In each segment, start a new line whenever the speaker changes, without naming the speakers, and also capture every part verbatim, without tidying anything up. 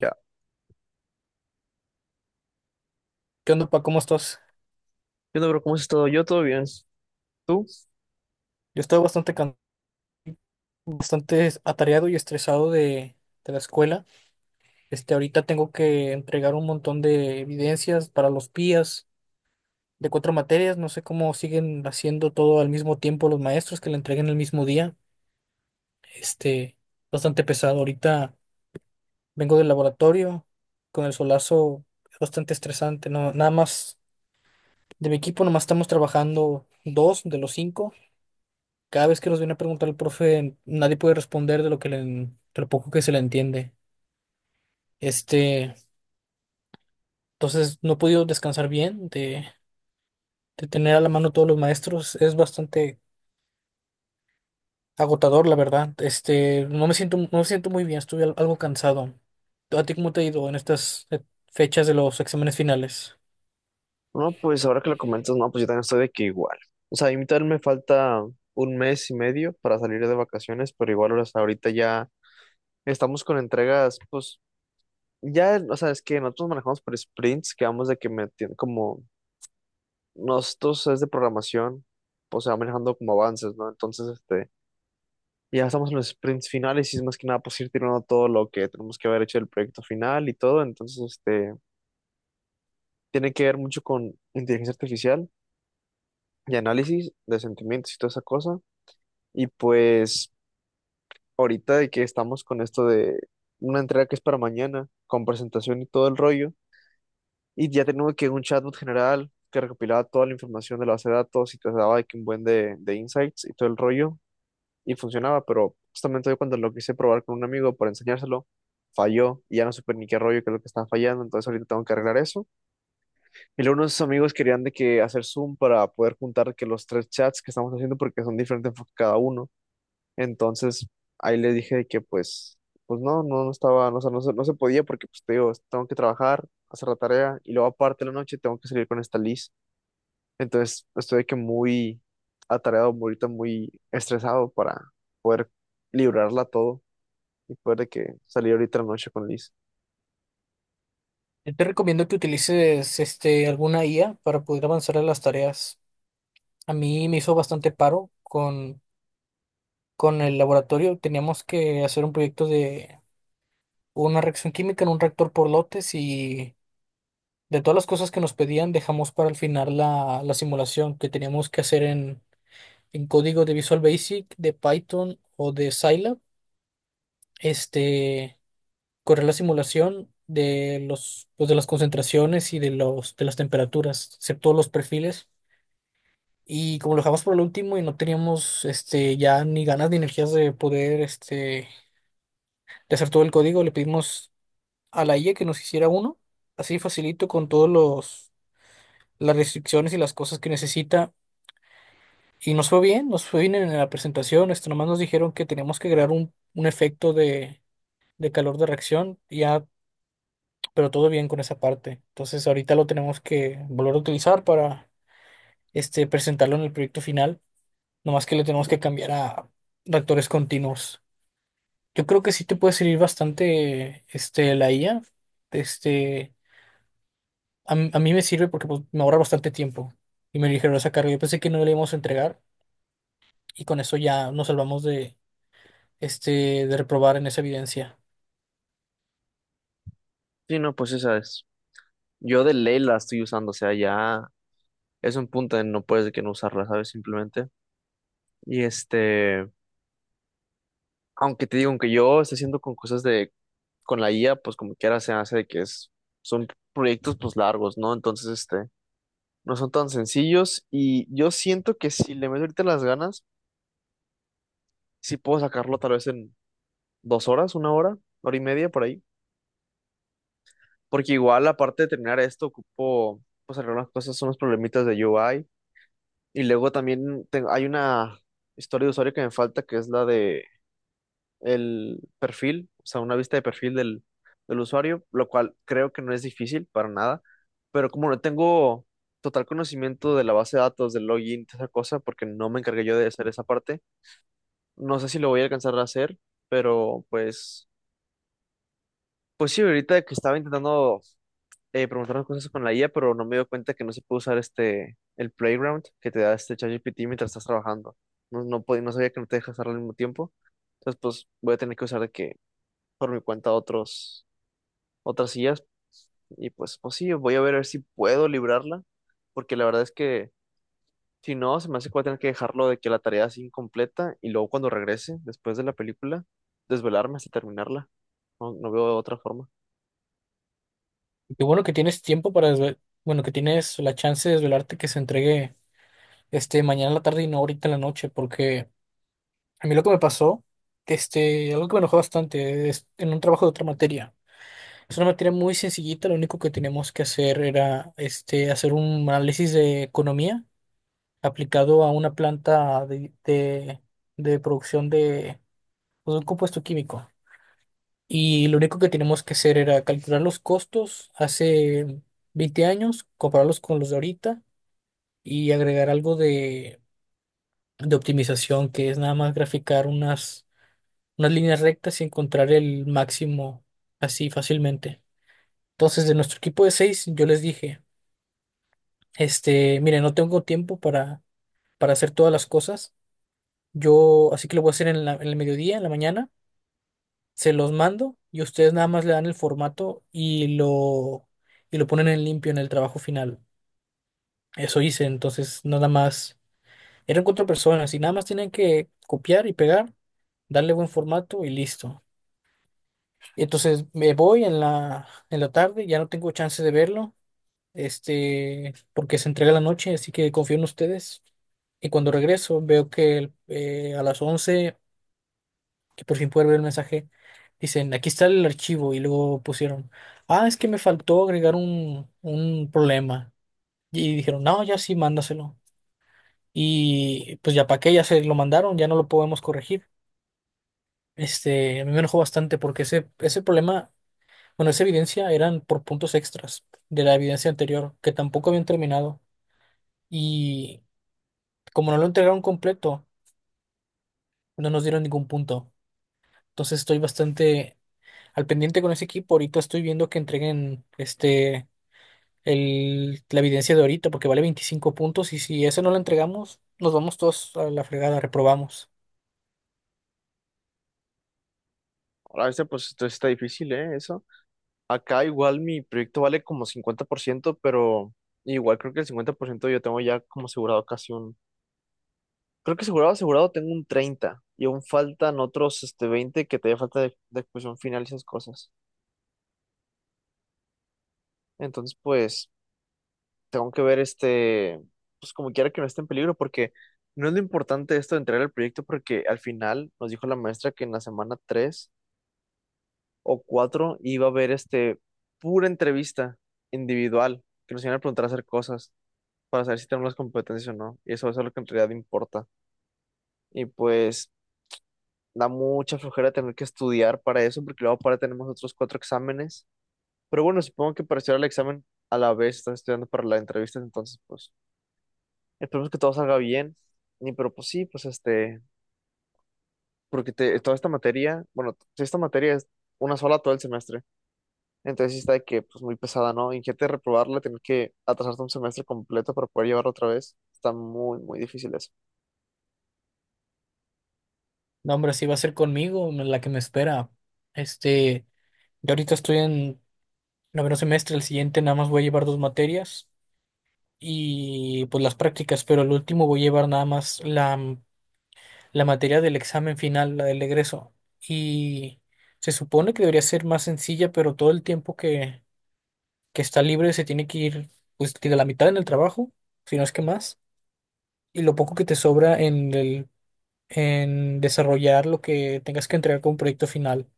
Ya.
¿Qué onda, pa? ¿Cómo estás?
Yo no, bro, ¿cómo has todo? Yo todo bien. ¿Tú?
Yo estoy bastante, can- bastante atareado y estresado de, de la escuela. Este, ahorita tengo que entregar un montón de evidencias para los pías de cuatro materias. No sé cómo siguen haciendo todo al mismo tiempo los maestros que la entreguen el mismo día. Este, Bastante pesado. Ahorita vengo del laboratorio con el solazo bastante estresante. No, nada más de mi equipo, nomás estamos trabajando dos de los cinco. Cada vez que nos viene a preguntar el profe, nadie puede responder de lo que le, de lo poco que se le entiende. Este, entonces no he podido descansar bien de, de tener a la mano todos los maestros. Es bastante agotador, la verdad. Este, no me siento, no me siento muy bien, estuve al- algo cansado. ¿A ti cómo te ha ido en estas eh, fechas de los exámenes finales?
No, pues ahora que lo comentas, no, pues yo también estoy de que igual. O sea, a mí también me falta un mes y medio para salir de vacaciones, pero igual, o sea, ahorita ya estamos con entregas, pues ya, o sea, es que nosotros manejamos por sprints, que vamos de que me tien- como nosotros es de programación, pues se va manejando como avances, ¿no? Entonces, este, ya estamos en los sprints finales y es más que nada, pues ir tirando todo lo que tenemos que haber hecho del proyecto final y todo, entonces, este. Tiene que ver mucho con inteligencia artificial y análisis de sentimientos y toda esa cosa. Y pues ahorita de que estamos con esto de una entrega que es para mañana, con presentación y todo el rollo, y ya tenemos que un chatbot general que recopilaba toda la información de la base de datos y te daba de que un buen de, de insights y todo el rollo, y funcionaba, pero justamente hoy cuando lo quise probar con un amigo para enseñárselo, falló y ya no supe ni qué rollo, qué es lo que estaba fallando, entonces ahorita tengo que arreglar eso. Y luego unos amigos querían de que hacer Zoom para poder juntar que los tres chats que estamos haciendo porque son diferentes enfoques cada uno. Entonces ahí les dije de que pues, pues no, no, no estaba, no, o sea, no, se- no se podía porque pues te digo, tengo que trabajar, hacer la tarea y luego aparte de la noche tengo que salir con esta Liz. Entonces estoy de que muy atareado, muy ahorita muy estresado para poder librarla todo y poder de que salir ahorita en la noche con Liz.
Yo te recomiendo que utilices este, alguna I A para poder avanzar en las tareas. A mí me hizo bastante paro con, con el laboratorio. Teníamos que hacer un proyecto de una reacción química en un reactor por lotes y de todas las cosas que nos pedían dejamos para el final la, la simulación que teníamos que hacer en, en código de Visual Basic, de Python o de Scilab. Este, correr la simulación de los, pues, de las concentraciones y de los, de las temperaturas, hacer todos los perfiles. Y como lo dejamos por el último y no teníamos este, ya ni ganas ni energías de poder este, de hacer todo el código, le pedimos a la I A que nos hiciera uno, así facilito con todos los, las restricciones y las cosas que necesita. Y nos fue bien, nos fue bien en la presentación. Esto nomás nos dijeron que teníamos que crear un, un efecto de, de calor de reacción, y ya, pero todo bien con esa parte. Entonces ahorita lo tenemos que volver a utilizar para este, presentarlo en el proyecto final. Nomás que le tenemos que cambiar a reactores continuos. Yo creo que sí te puede servir bastante este, la I A. Este, a, m- a mí me sirve porque pues, me ahorra bastante tiempo y me dijeron esa carga. Yo pensé que no le íbamos a entregar y con eso ya nos salvamos de, este, de reprobar en esa evidencia.
Sí, no, pues esa es. Yo de ley la estoy usando, o sea, ya es un punto en no puedes de que no usarla, ¿sabes? Simplemente. Y este, aunque te digo, aunque yo esté haciendo con cosas de, con la I A, pues como quiera se hace de que es, son proyectos pues largos, ¿no? Entonces, este, no son tan sencillos y yo siento que si le meto ahorita las ganas, sí puedo sacarlo tal vez en dos horas, una hora, hora y media por ahí. Porque igual, aparte de terminar esto, ocupo, pues algunas cosas son los problemitas de U I. Y luego también tengo- hay una historia de usuario que me falta, que es la de el perfil, o sea, una vista de perfil del, del usuario, lo cual creo que no es difícil para nada, pero como no tengo total conocimiento de la base de datos, del login, toda esa cosa, porque no me encargué yo de hacer esa parte, no sé si lo voy a alcanzar a hacer, pero pues, pues sí, ahorita que estaba intentando eh, preguntar unas cosas con la I A, pero no me dio cuenta que no se puede usar este, el Playground que te da este ChatGPT mientras estás trabajando. No, no, pod- no sabía que no te dejas hacerlo al mismo tiempo. Entonces, pues voy a tener que usar de que por mi cuenta otros, otras sillas. Y pues, pues sí, voy a ver, a ver si puedo librarla, porque la verdad es que si no, se me hace que voy a tener que dejarlo de que la tarea es incompleta y luego cuando regrese, después de la película, desvelarme hasta terminarla. No, no veo otra forma.
Y qué bueno que tienes tiempo para desve- bueno, que tienes la chance de desvelarte que se entregue este mañana en la tarde y no ahorita en la noche, porque a mí lo que me pasó, este, algo que me enojó bastante, es en un trabajo de otra materia. Es una materia muy sencillita, lo único que teníamos que hacer era este, hacer un análisis de economía aplicado a una planta de, de, de producción de, pues, un compuesto químico. Y lo único que tenemos que hacer era calcular los costos hace veinte años, compararlos con los de ahorita y agregar algo de, de optimización, que es nada más graficar unas, unas líneas rectas y encontrar el máximo así fácilmente. Entonces, de nuestro equipo de seis, yo les dije, este, miren, no tengo tiempo para, para hacer todas las cosas. Yo, así que lo voy a hacer en la- en el mediodía, en la mañana. Se los mando y ustedes nada más le dan el formato y lo, y lo ponen en limpio en el trabajo final. Eso hice, entonces nada más. Eran cuatro personas y nada más tienen que copiar y pegar, darle buen formato y listo. Y entonces me voy en la, en la tarde, ya no tengo chance de verlo, este, porque se entrega la noche, así que confío en ustedes. Y cuando regreso veo que eh, a las once que por fin pude ver el mensaje, dicen, aquí está el archivo y luego pusieron, ah, es que me faltó agregar un, un problema. Y dijeron, no, ya sí, mándaselo. Y pues ya para qué, ya se lo mandaron, ya no lo podemos corregir. Este, a mí me enojó bastante porque ese, ese problema, bueno, esa evidencia eran por puntos extras de la evidencia anterior que tampoco habían terminado. Y como no lo entregaron completo, no nos dieron ningún punto. Entonces estoy bastante al pendiente con ese equipo. Ahorita estoy viendo que entreguen este el, la evidencia de ahorita porque vale veinticinco puntos y si eso no lo entregamos, nos vamos todos a la fregada, reprobamos.
Ahora, este, pues esto sí está difícil, ¿eh? Eso. Acá igual mi proyecto vale como cincuenta por ciento pero igual creo que el cincuenta por ciento yo tengo ya como asegurado casi un. Creo que asegurado, asegurado tengo un treinta y aún faltan otros este, veinte que te falta de, de exposición final y esas cosas. Entonces, pues, tengo que ver este, pues como quiera que no esté en peligro, porque no es lo importante esto de entregar el proyecto, porque al final nos dijo la maestra que en la semana tres o cuatro iba a haber este pura entrevista individual, que nos iban a preguntar a hacer cosas para saber si tenemos las competencias o no. Y eso, eso es lo que en realidad importa. Y pues da mucha flojera tener que estudiar para eso, porque luego para tenemos otros cuatro exámenes. Pero bueno, supongo que para estudiar el examen a la vez estás estudiando para la entrevista, entonces pues esperemos que todo salga bien. Y pero pues sí, pues este, porque te- toda esta materia, bueno, t- esta materia es una sola todo el semestre, entonces sí está de que pues muy pesada, ¿no? Imagínate reprobarla, tener que atrasarte un semestre completo para poder llevarla otra vez. Está muy, muy difícil eso.
No, hombre, así va a ser conmigo, la que me espera. Este, yo ahorita estoy en noveno semestre, el siguiente nada más voy a llevar dos materias y pues las prácticas, pero el último voy a llevar nada más la, la materia del examen final, la del egreso. Y se supone que debería ser más sencilla, pero todo el tiempo que, que está libre se tiene que ir, pues, digo, la mitad en el trabajo, si no es que más, y lo poco que te sobra en el, en desarrollar lo que tengas que entregar como proyecto final.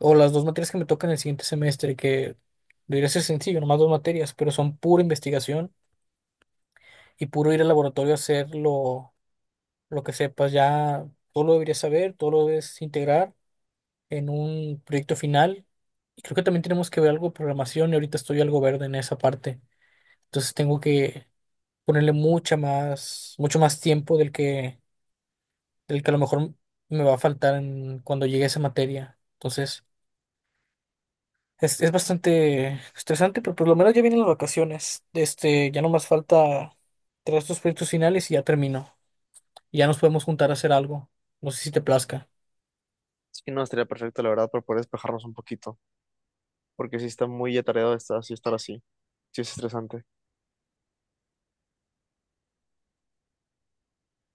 O las dos materias que me tocan el siguiente semestre, que debería ser sencillo, nomás dos materias, pero son pura investigación y puro ir al laboratorio a hacer lo, lo que sepas. Ya todo lo deberías saber, todo lo debes integrar en un proyecto final. Y creo que también tenemos que ver algo de programación y ahorita estoy algo verde en esa parte. Entonces tengo que ponerle mucha más, mucho más tiempo del que, del que a lo mejor me va a faltar en- cuando llegue a esa materia. Entonces, es, es bastante estresante, pero por lo menos ya vienen las vacaciones. Este, ya no más falta traer estos proyectos finales y ya termino. Ya nos podemos juntar a hacer algo. No sé si te plazca.
Así que no, estaría perfecto, la verdad, para poder despejarnos un poquito, porque sí está muy atareado estar así, estar así. Sí es estresante.